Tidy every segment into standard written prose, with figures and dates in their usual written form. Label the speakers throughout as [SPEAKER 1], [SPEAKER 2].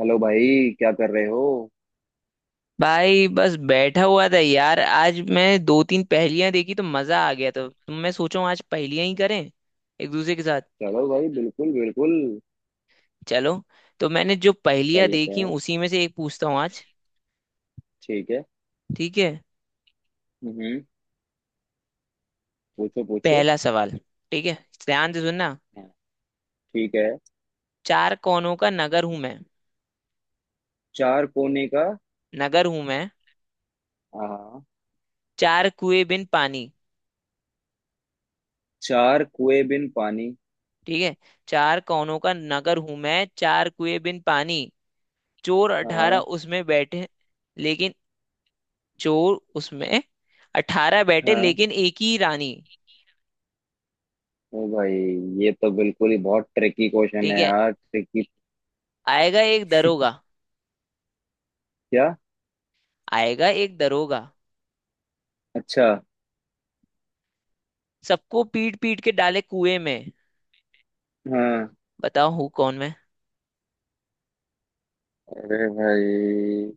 [SPEAKER 1] Hello भाई, क्या कर रहे हो।
[SPEAKER 2] भाई बस बैठा हुआ था यार। आज मैं दो तीन पहेलियां देखी तो मजा आ गया, तो तुम मैं सोचूं आज पहेलियां ही करें एक दूसरे के साथ।
[SPEAKER 1] चलो भाई, बिल्कुल बिल्कुल।
[SPEAKER 2] चलो, तो मैंने जो
[SPEAKER 1] कर
[SPEAKER 2] पहेलियां
[SPEAKER 1] लेते
[SPEAKER 2] देखी हैं,
[SPEAKER 1] हैं।
[SPEAKER 2] उसी में से एक पूछता हूँ आज।
[SPEAKER 1] ठीक है।
[SPEAKER 2] ठीक है,
[SPEAKER 1] हम्म। पूछो पूछो।
[SPEAKER 2] पहला सवाल। ठीक है, ध्यान से सुनना।
[SPEAKER 1] हाँ, ठीक है।
[SPEAKER 2] चार कोनों का नगर हूं मैं,
[SPEAKER 1] चार कोने का।
[SPEAKER 2] नगर हूं मैं,
[SPEAKER 1] हाँ।
[SPEAKER 2] चार कुएं बिन पानी।
[SPEAKER 1] चार कुएं बिन पानी।
[SPEAKER 2] ठीक है, चार कोनों का नगर हूं मैं, चार कुएं बिन पानी, चोर 18
[SPEAKER 1] हाँ।
[SPEAKER 2] उसमें बैठे, लेकिन चोर उसमें 18 बैठे,
[SPEAKER 1] हाँ,
[SPEAKER 2] लेकिन एक ही रानी।
[SPEAKER 1] ओ भाई, ये तो बिल्कुल ही बहुत ट्रिकी क्वेश्चन
[SPEAKER 2] ठीक
[SPEAKER 1] है
[SPEAKER 2] है,
[SPEAKER 1] यार, ट्रिकी।
[SPEAKER 2] आएगा एक दरोगा,
[SPEAKER 1] क्या।
[SPEAKER 2] आएगा एक दरोगा,
[SPEAKER 1] अच्छा।
[SPEAKER 2] सबको पीट पीट के डाले कुएं में।
[SPEAKER 1] हाँ।
[SPEAKER 2] बताओ हूँ कौन मैं।
[SPEAKER 1] अरे भाई,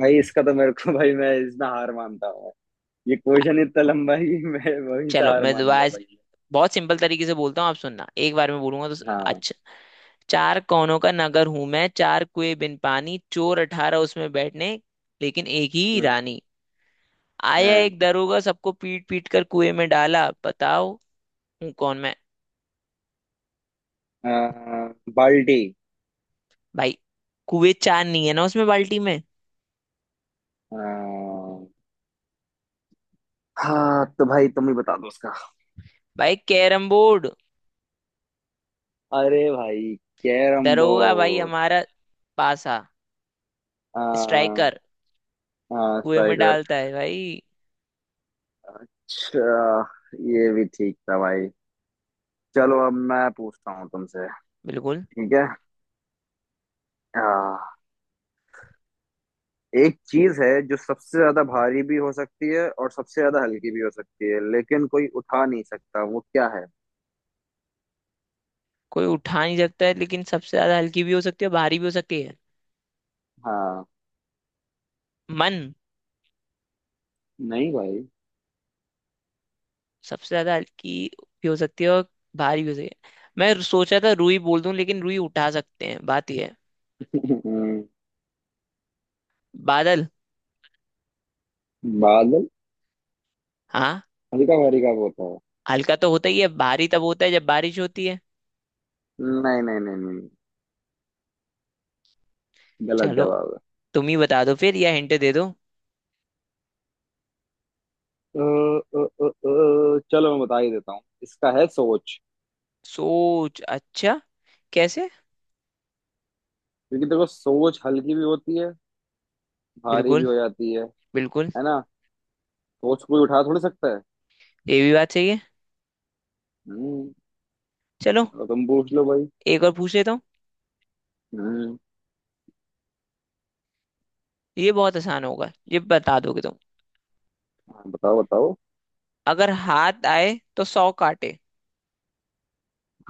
[SPEAKER 1] भाई इसका तो मेरे को भाई मैं इसमें हार मानता हूँ। ये
[SPEAKER 2] आ-
[SPEAKER 1] क्वेश्चन इतना लंबा है कि मैं वहीं से
[SPEAKER 2] चलो
[SPEAKER 1] हार
[SPEAKER 2] मैं
[SPEAKER 1] मान गया
[SPEAKER 2] दोबारा
[SPEAKER 1] भाई।
[SPEAKER 2] बहुत सिंपल तरीके से बोलता हूँ, आप सुनना, एक बार में बोलूंगा।
[SPEAKER 1] हाँ।
[SPEAKER 2] अच्छा, चार कोनों का नगर हूं मैं, चार कुएं बिन पानी, चोर अठारह उसमें बैठने, लेकिन एक ही
[SPEAKER 1] हम्म,
[SPEAKER 2] रानी। आया
[SPEAKER 1] हाँ।
[SPEAKER 2] एक दरोगा, सबको पीट पीट कर कुएं में डाला। बताओ हूँ कौन मैं।
[SPEAKER 1] बर्डे।
[SPEAKER 2] भाई कुएं चार नहीं है ना, उसमें बाल्टी में।
[SPEAKER 1] हाँ। हाँ, तो भाई तुम ही बता दो उसका।
[SPEAKER 2] भाई कैरम बोर्ड।
[SPEAKER 1] अरे भाई, कैरम
[SPEAKER 2] दरोगा भाई
[SPEAKER 1] बोर्ड।
[SPEAKER 2] हमारा पासा।
[SPEAKER 1] हाँ।
[SPEAKER 2] स्ट्राइकर
[SPEAKER 1] हाँ,
[SPEAKER 2] कुएं में
[SPEAKER 1] स्ट्राइकर।
[SPEAKER 2] डालता है भाई।
[SPEAKER 1] अच्छा, ये भी ठीक था भाई। चलो, अब मैं पूछता हूँ तुमसे।
[SPEAKER 2] बिल्कुल।
[SPEAKER 1] ठीक है। हाँ, एक चीज है जो सबसे ज्यादा भारी भी हो सकती है और सबसे ज्यादा हल्की भी हो सकती है, लेकिन कोई उठा नहीं सकता। वो क्या है।
[SPEAKER 2] कोई उठा नहीं सकता है, लेकिन सबसे ज्यादा हल्की भी हो सकती है, भारी भी हो सकती है।
[SPEAKER 1] हाँ।
[SPEAKER 2] मन।
[SPEAKER 1] नहीं भाई।
[SPEAKER 2] सबसे ज्यादा हल्की भी हो सकती है और भारी भी हो सकती है। मैं सोचा था रुई बोल दूं, लेकिन रुई उठा सकते हैं, बात यह है।
[SPEAKER 1] हम्म,
[SPEAKER 2] बादल।
[SPEAKER 1] बादल।
[SPEAKER 2] हाँ,
[SPEAKER 1] हल्का भारी का होता है।
[SPEAKER 2] हल्का तो होता ही है, भारी तब होता है जब बारिश होती है।
[SPEAKER 1] नहीं नहीं नहीं नहीं, गलत
[SPEAKER 2] चलो,
[SPEAKER 1] जवाब है।
[SPEAKER 2] तुम ही बता दो फिर, या हिंट दे दो।
[SPEAKER 1] चलो मैं बता ही देता हूँ। इसका है सोच।
[SPEAKER 2] सोच? अच्छा, कैसे?
[SPEAKER 1] क्योंकि देखो, सोच हल्की भी होती है, भारी भी
[SPEAKER 2] बिल्कुल
[SPEAKER 1] हो जाती है।
[SPEAKER 2] बिल्कुल।
[SPEAKER 1] है ना। सोच कोई उठा थोड़ी सकता है।
[SPEAKER 2] ये भी बात सही है।
[SPEAKER 1] हम्म।
[SPEAKER 2] चलो,
[SPEAKER 1] अब तुम पूछ लो भाई।
[SPEAKER 2] एक और पूछ लेता हूँ।
[SPEAKER 1] हम्म।
[SPEAKER 2] ये बहुत आसान होगा, ये बता दोगे तुम।
[SPEAKER 1] हाँ, बताओ बताओ।
[SPEAKER 2] अगर हाथ आए तो 100 काटे।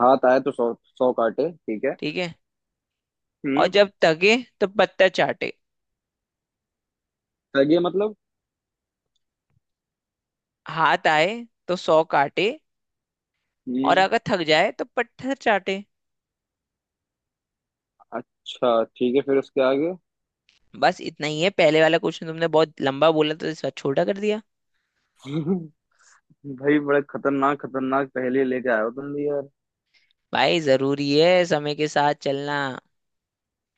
[SPEAKER 1] हाथ आए तो सौ, सौ काटे, ठीक है।
[SPEAKER 2] ठीक है, और
[SPEAKER 1] हम्म।
[SPEAKER 2] जब थके तो पत्थर चाटे।
[SPEAKER 1] सही है, मतलब।
[SPEAKER 2] हाथ आए तो सौ काटे, और
[SPEAKER 1] हम्म।
[SPEAKER 2] अगर थक जाए तो पत्थर चाटे।
[SPEAKER 1] अच्छा ठीक है, फिर उसके आगे।
[SPEAKER 2] बस इतना ही है। पहले वाला क्वेश्चन तुमने बहुत लंबा बोला, तो इस बार छोटा कर दिया।
[SPEAKER 1] भाई, बड़े खतरनाक खतरनाक पहेली लेके आए हो तुम भी यार।
[SPEAKER 2] भाई जरूरी है समय के साथ चलना,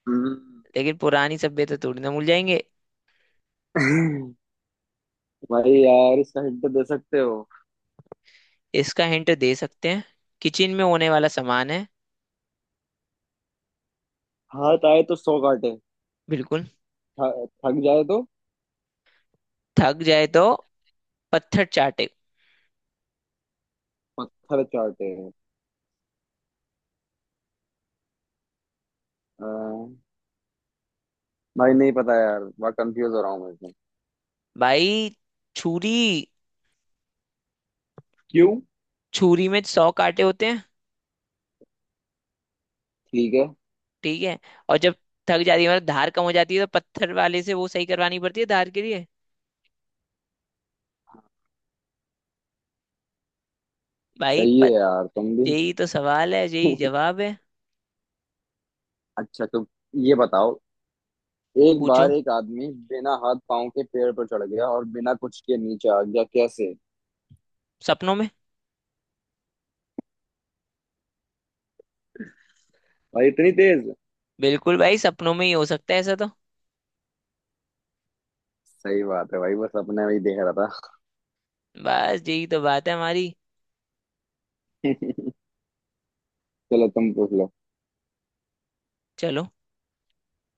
[SPEAKER 1] हम्म।
[SPEAKER 2] लेकिन पुरानी सभ्यता थोड़ी ना भूल जाएंगे।
[SPEAKER 1] भाई यार, इसका हिंट दे सकते हो।
[SPEAKER 2] इसका हिंट दे सकते हैं। किचन में होने वाला सामान है।
[SPEAKER 1] हाथ आए तो सौ काटे।
[SPEAKER 2] बिल्कुल।
[SPEAKER 1] थक जाए तो
[SPEAKER 2] थक जाए तो पत्थर चाटे।
[SPEAKER 1] पत्थर चाटे। आ, भाई नहीं पता यार, बड़ा कंफ्यूज हो रहा हूँ मैं इसमें।
[SPEAKER 2] भाई छुरी।
[SPEAKER 1] क्यों।
[SPEAKER 2] छुरी में 100 कांटे होते हैं।
[SPEAKER 1] ठीक है।
[SPEAKER 2] ठीक है, और जब थक जाती है मतलब धार कम हो जाती है, तो पत्थर वाले से वो सही करवानी पड़ती है धार के लिए। भाई
[SPEAKER 1] सही है
[SPEAKER 2] पत
[SPEAKER 1] यार तुम भी।
[SPEAKER 2] यही तो सवाल है, यही जवाब है।
[SPEAKER 1] अच्छा, तो ये बताओ। एक
[SPEAKER 2] पूछो।
[SPEAKER 1] बार एक आदमी बिना हाथ पांव के पेड़ पर चढ़ गया, और बिना कुछ के नीचे आ गया। कैसे।
[SPEAKER 2] सपनों में।
[SPEAKER 1] भाई इतनी तेज।
[SPEAKER 2] बिल्कुल भाई, सपनों में ही हो सकता है ऐसा तो।
[SPEAKER 1] सही बात है भाई, बस अपने में ही देख रहा था।
[SPEAKER 2] बस यही तो बात है हमारी।
[SPEAKER 1] चलो तुम पूछ लो।
[SPEAKER 2] चलो,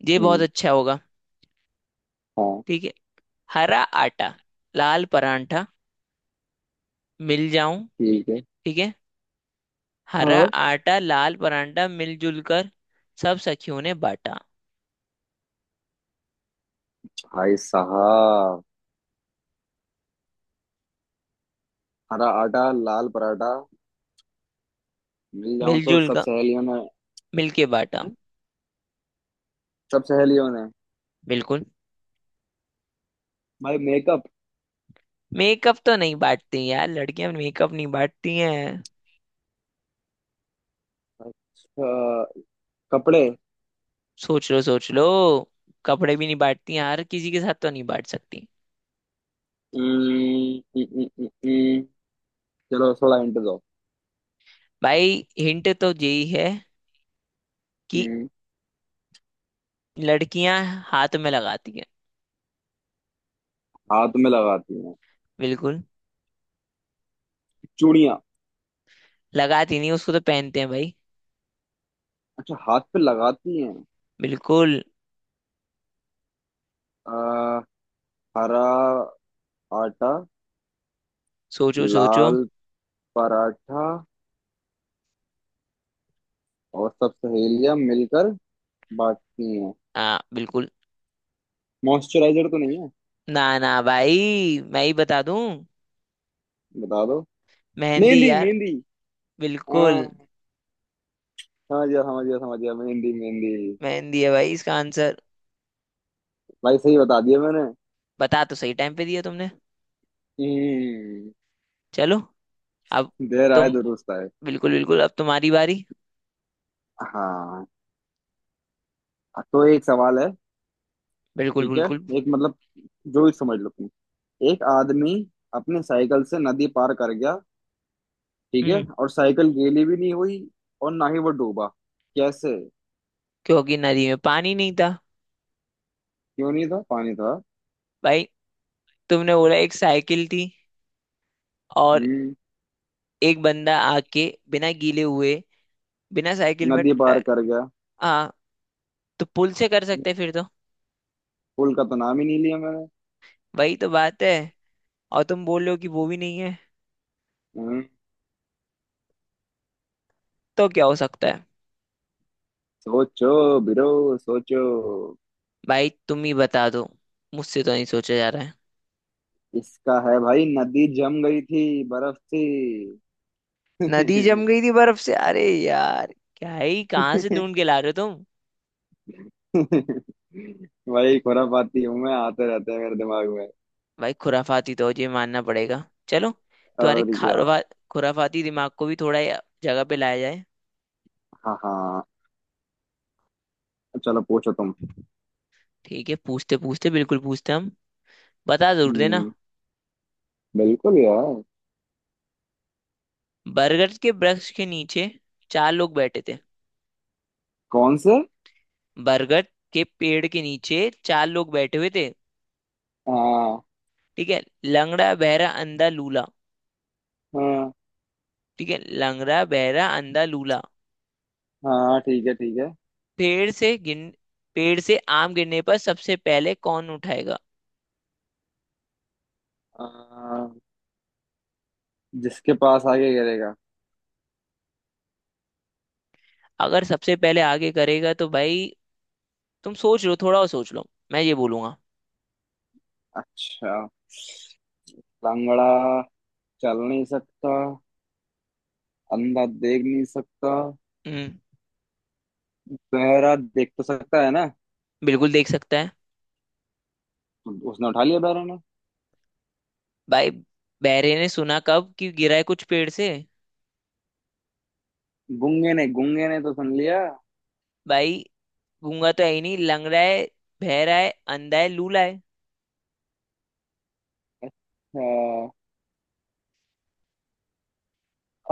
[SPEAKER 2] ये बहुत
[SPEAKER 1] हम्म।
[SPEAKER 2] अच्छा होगा।
[SPEAKER 1] हाँ।
[SPEAKER 2] ठीक है, हरा आटा, लाल परांठा, मिल जाऊं।
[SPEAKER 1] ठीक है।
[SPEAKER 2] ठीक है, हरा
[SPEAKER 1] हाँ।
[SPEAKER 2] आटा लाल परांठा मिलजुल कर, सब सखियों ने बांटा।
[SPEAKER 1] भाई साहब, हरा आटा, लाल पराठा, मिल जाऊं तो
[SPEAKER 2] मिलजुल
[SPEAKER 1] सब
[SPEAKER 2] का,
[SPEAKER 1] सहेलियों ने।
[SPEAKER 2] मिलके बांटा।
[SPEAKER 1] हम्म? सब सहेलियों ने।
[SPEAKER 2] बिल्कुल।
[SPEAKER 1] भाई, मेकअप।
[SPEAKER 2] मेकअप तो नहीं बांटती यार, लड़कियां मेकअप नहीं बांटती हैं।
[SPEAKER 1] कपड़े।
[SPEAKER 2] सोच लो सोच लो। कपड़े भी नहीं बांटती हैं हर किसी के साथ, तो नहीं बांट सकती।
[SPEAKER 1] हम्म, हम्म, हम्म, हम्म, हम्म। चलो थोड़ा हिंट दो।
[SPEAKER 2] भाई हिंट तो यही है कि
[SPEAKER 1] हम्म,
[SPEAKER 2] लड़कियां हाथ में लगाती हैं।
[SPEAKER 1] हाथ में लगाती हैं।
[SPEAKER 2] बिल्कुल।
[SPEAKER 1] चूड़ियां।
[SPEAKER 2] लगाती नहीं, उसको तो पहनते हैं भाई।
[SPEAKER 1] अच्छा, हाथ पे लगाती हैं।
[SPEAKER 2] बिल्कुल।
[SPEAKER 1] अ, हरा आटा,
[SPEAKER 2] सोचो सोचो।
[SPEAKER 1] लाल पराठा, और सब सहेलियां मिलकर बांटती हैं।
[SPEAKER 2] हाँ बिल्कुल।
[SPEAKER 1] मॉइस्चराइजर तो नहीं है।
[SPEAKER 2] ना ना भाई, मैं ही बता दूं।
[SPEAKER 1] बता दो।
[SPEAKER 2] मेहंदी
[SPEAKER 1] मेहंदी
[SPEAKER 2] यार।
[SPEAKER 1] मेहंदी। हाँ,
[SPEAKER 2] बिल्कुल।
[SPEAKER 1] समझ गया समझ गया समझ गया, मेहंदी मेहंदी।
[SPEAKER 2] मेहंदी है भाई इसका आंसर।
[SPEAKER 1] भाई, सही बता दिया मैंने।
[SPEAKER 2] बता तो सही टाइम पे दिया तुमने।
[SPEAKER 1] हम्म।
[SPEAKER 2] चलो, अब
[SPEAKER 1] देर आए
[SPEAKER 2] तुम।
[SPEAKER 1] दुरुस्त आए।
[SPEAKER 2] बिल्कुल बिल्कुल, अब तुम्हारी बारी।
[SPEAKER 1] हाँ, तो एक सवाल है।
[SPEAKER 2] बिल्कुल
[SPEAKER 1] ठीक है,
[SPEAKER 2] बिल्कुल।
[SPEAKER 1] एक मतलब, जो भी समझ लो तुम। एक आदमी अपने साइकिल से नदी पार कर गया। ठीक है,
[SPEAKER 2] हम्म।
[SPEAKER 1] और साइकिल गीली भी नहीं हुई, और ना ही वो डूबा। कैसे।
[SPEAKER 2] क्योंकि नदी में पानी नहीं था।
[SPEAKER 1] क्यों नहीं था, पानी था।
[SPEAKER 2] भाई तुमने बोला एक साइकिल थी, और
[SPEAKER 1] हम्म।
[SPEAKER 2] एक बंदा आके बिना गीले हुए, बिना साइकिल में
[SPEAKER 1] नदी पार
[SPEAKER 2] ट-
[SPEAKER 1] कर गया।
[SPEAKER 2] हाँ, तो पुल से कर
[SPEAKER 1] हम्म,
[SPEAKER 2] सकते हैं फिर तो।
[SPEAKER 1] पुल का तो नाम ही नहीं लिया मैंने।
[SPEAKER 2] वही तो बात है, और तुम बोल रहे हो कि वो भी नहीं है,
[SPEAKER 1] हम्म।
[SPEAKER 2] तो क्या हो सकता है?
[SPEAKER 1] सोचो बिरो सोचो।
[SPEAKER 2] भाई तुम ही बता दो, मुझसे तो नहीं सोचा जा रहा है।
[SPEAKER 1] इसका है भाई, नदी जम गई थी, बर्फ थी।
[SPEAKER 2] नदी जम गई थी बर्फ से? अरे यार, क्या ही कहाँ से ढूंढ के ला रहे हो तुम।
[SPEAKER 1] भाई, खुरापाती हूँ मैं, आते रहते हैं मेरे दिमाग।
[SPEAKER 2] भाई खुराफाती तो ये मानना पड़ेगा। चलो, तुम्हारे
[SPEAKER 1] और या।
[SPEAKER 2] खारवा खुराफाती दिमाग को भी थोड़ा जगह पे लाया जाए।
[SPEAKER 1] हाँ हाँ, चलो पूछो तुम।
[SPEAKER 2] ठीक है, पूछते पूछते बिल्कुल पूछते हम। बता जरूर देना।
[SPEAKER 1] हम्म। बिल्कुल यार।
[SPEAKER 2] बरगद के वृक्ष के नीचे चार लोग बैठे थे।
[SPEAKER 1] कौन से।
[SPEAKER 2] बरगद के पेड़ के नीचे चार लोग बैठे हुए थे।
[SPEAKER 1] हाँ।
[SPEAKER 2] ठीक है, लंगड़ा बहरा अंधा लूला।
[SPEAKER 1] हाँ।
[SPEAKER 2] ठीक है, लंगड़ा बहरा अंधा लूला।
[SPEAKER 1] हाँ ठीक है, ठीक है।
[SPEAKER 2] पेड़ से गिन, पेड़ से आम गिरने पर सबसे पहले कौन उठाएगा?
[SPEAKER 1] आ, जिसके पास आगे गिरेगा।
[SPEAKER 2] अगर सबसे पहले आगे करेगा तो भाई तुम सोच लो। थोड़ा और सोच लो, मैं ये बोलूंगा।
[SPEAKER 1] अच्छा, लंगड़ा चल नहीं सकता, अंधा देख नहीं सकता।
[SPEAKER 2] हम्म।
[SPEAKER 1] बहरा देख तो सकता है ना।
[SPEAKER 2] बिल्कुल देख सकता है।
[SPEAKER 1] उसने उठा लिया, बहरा ने।
[SPEAKER 2] भाई बहरे ने सुना कब कि गिरा है कुछ पेड़ से?
[SPEAKER 1] गूंगे ने, गूंगे ने तो सुन लिया।
[SPEAKER 2] भाई गूंगा तो है ही नहीं, लंगड़ा है, बहरा है, अंधा है, लूला है।
[SPEAKER 1] अच्छा,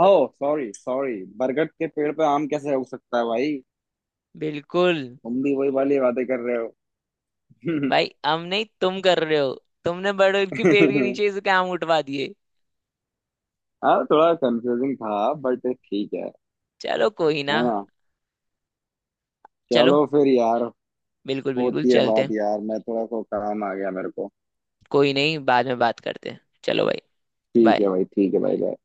[SPEAKER 1] ओ सॉरी सॉरी, बरगद के पेड़ पे आम कैसे उग सकता है भाई।
[SPEAKER 2] बिल्कुल।
[SPEAKER 1] तुम भी वही वाली बातें कर रहे हो।
[SPEAKER 2] भाई हम नहीं, तुम कर रहे हो। तुमने बड़गद के पेड़ के नीचे से काम उठवा दिए।
[SPEAKER 1] हाँ, थोड़ा कंफ्यूजिंग था बट ठीक है।
[SPEAKER 2] चलो कोई ना।
[SPEAKER 1] है ना।
[SPEAKER 2] चलो,
[SPEAKER 1] चलो फिर यार।
[SPEAKER 2] बिल्कुल बिल्कुल
[SPEAKER 1] होती है
[SPEAKER 2] चलते
[SPEAKER 1] बात
[SPEAKER 2] हैं।
[SPEAKER 1] यार, मैं थोड़ा को काम आ गया मेरे को।
[SPEAKER 2] कोई नहीं, बाद में बात करते हैं। चलो भाई,
[SPEAKER 1] ठीक है
[SPEAKER 2] बाय।
[SPEAKER 1] भाई, ठीक है भाई।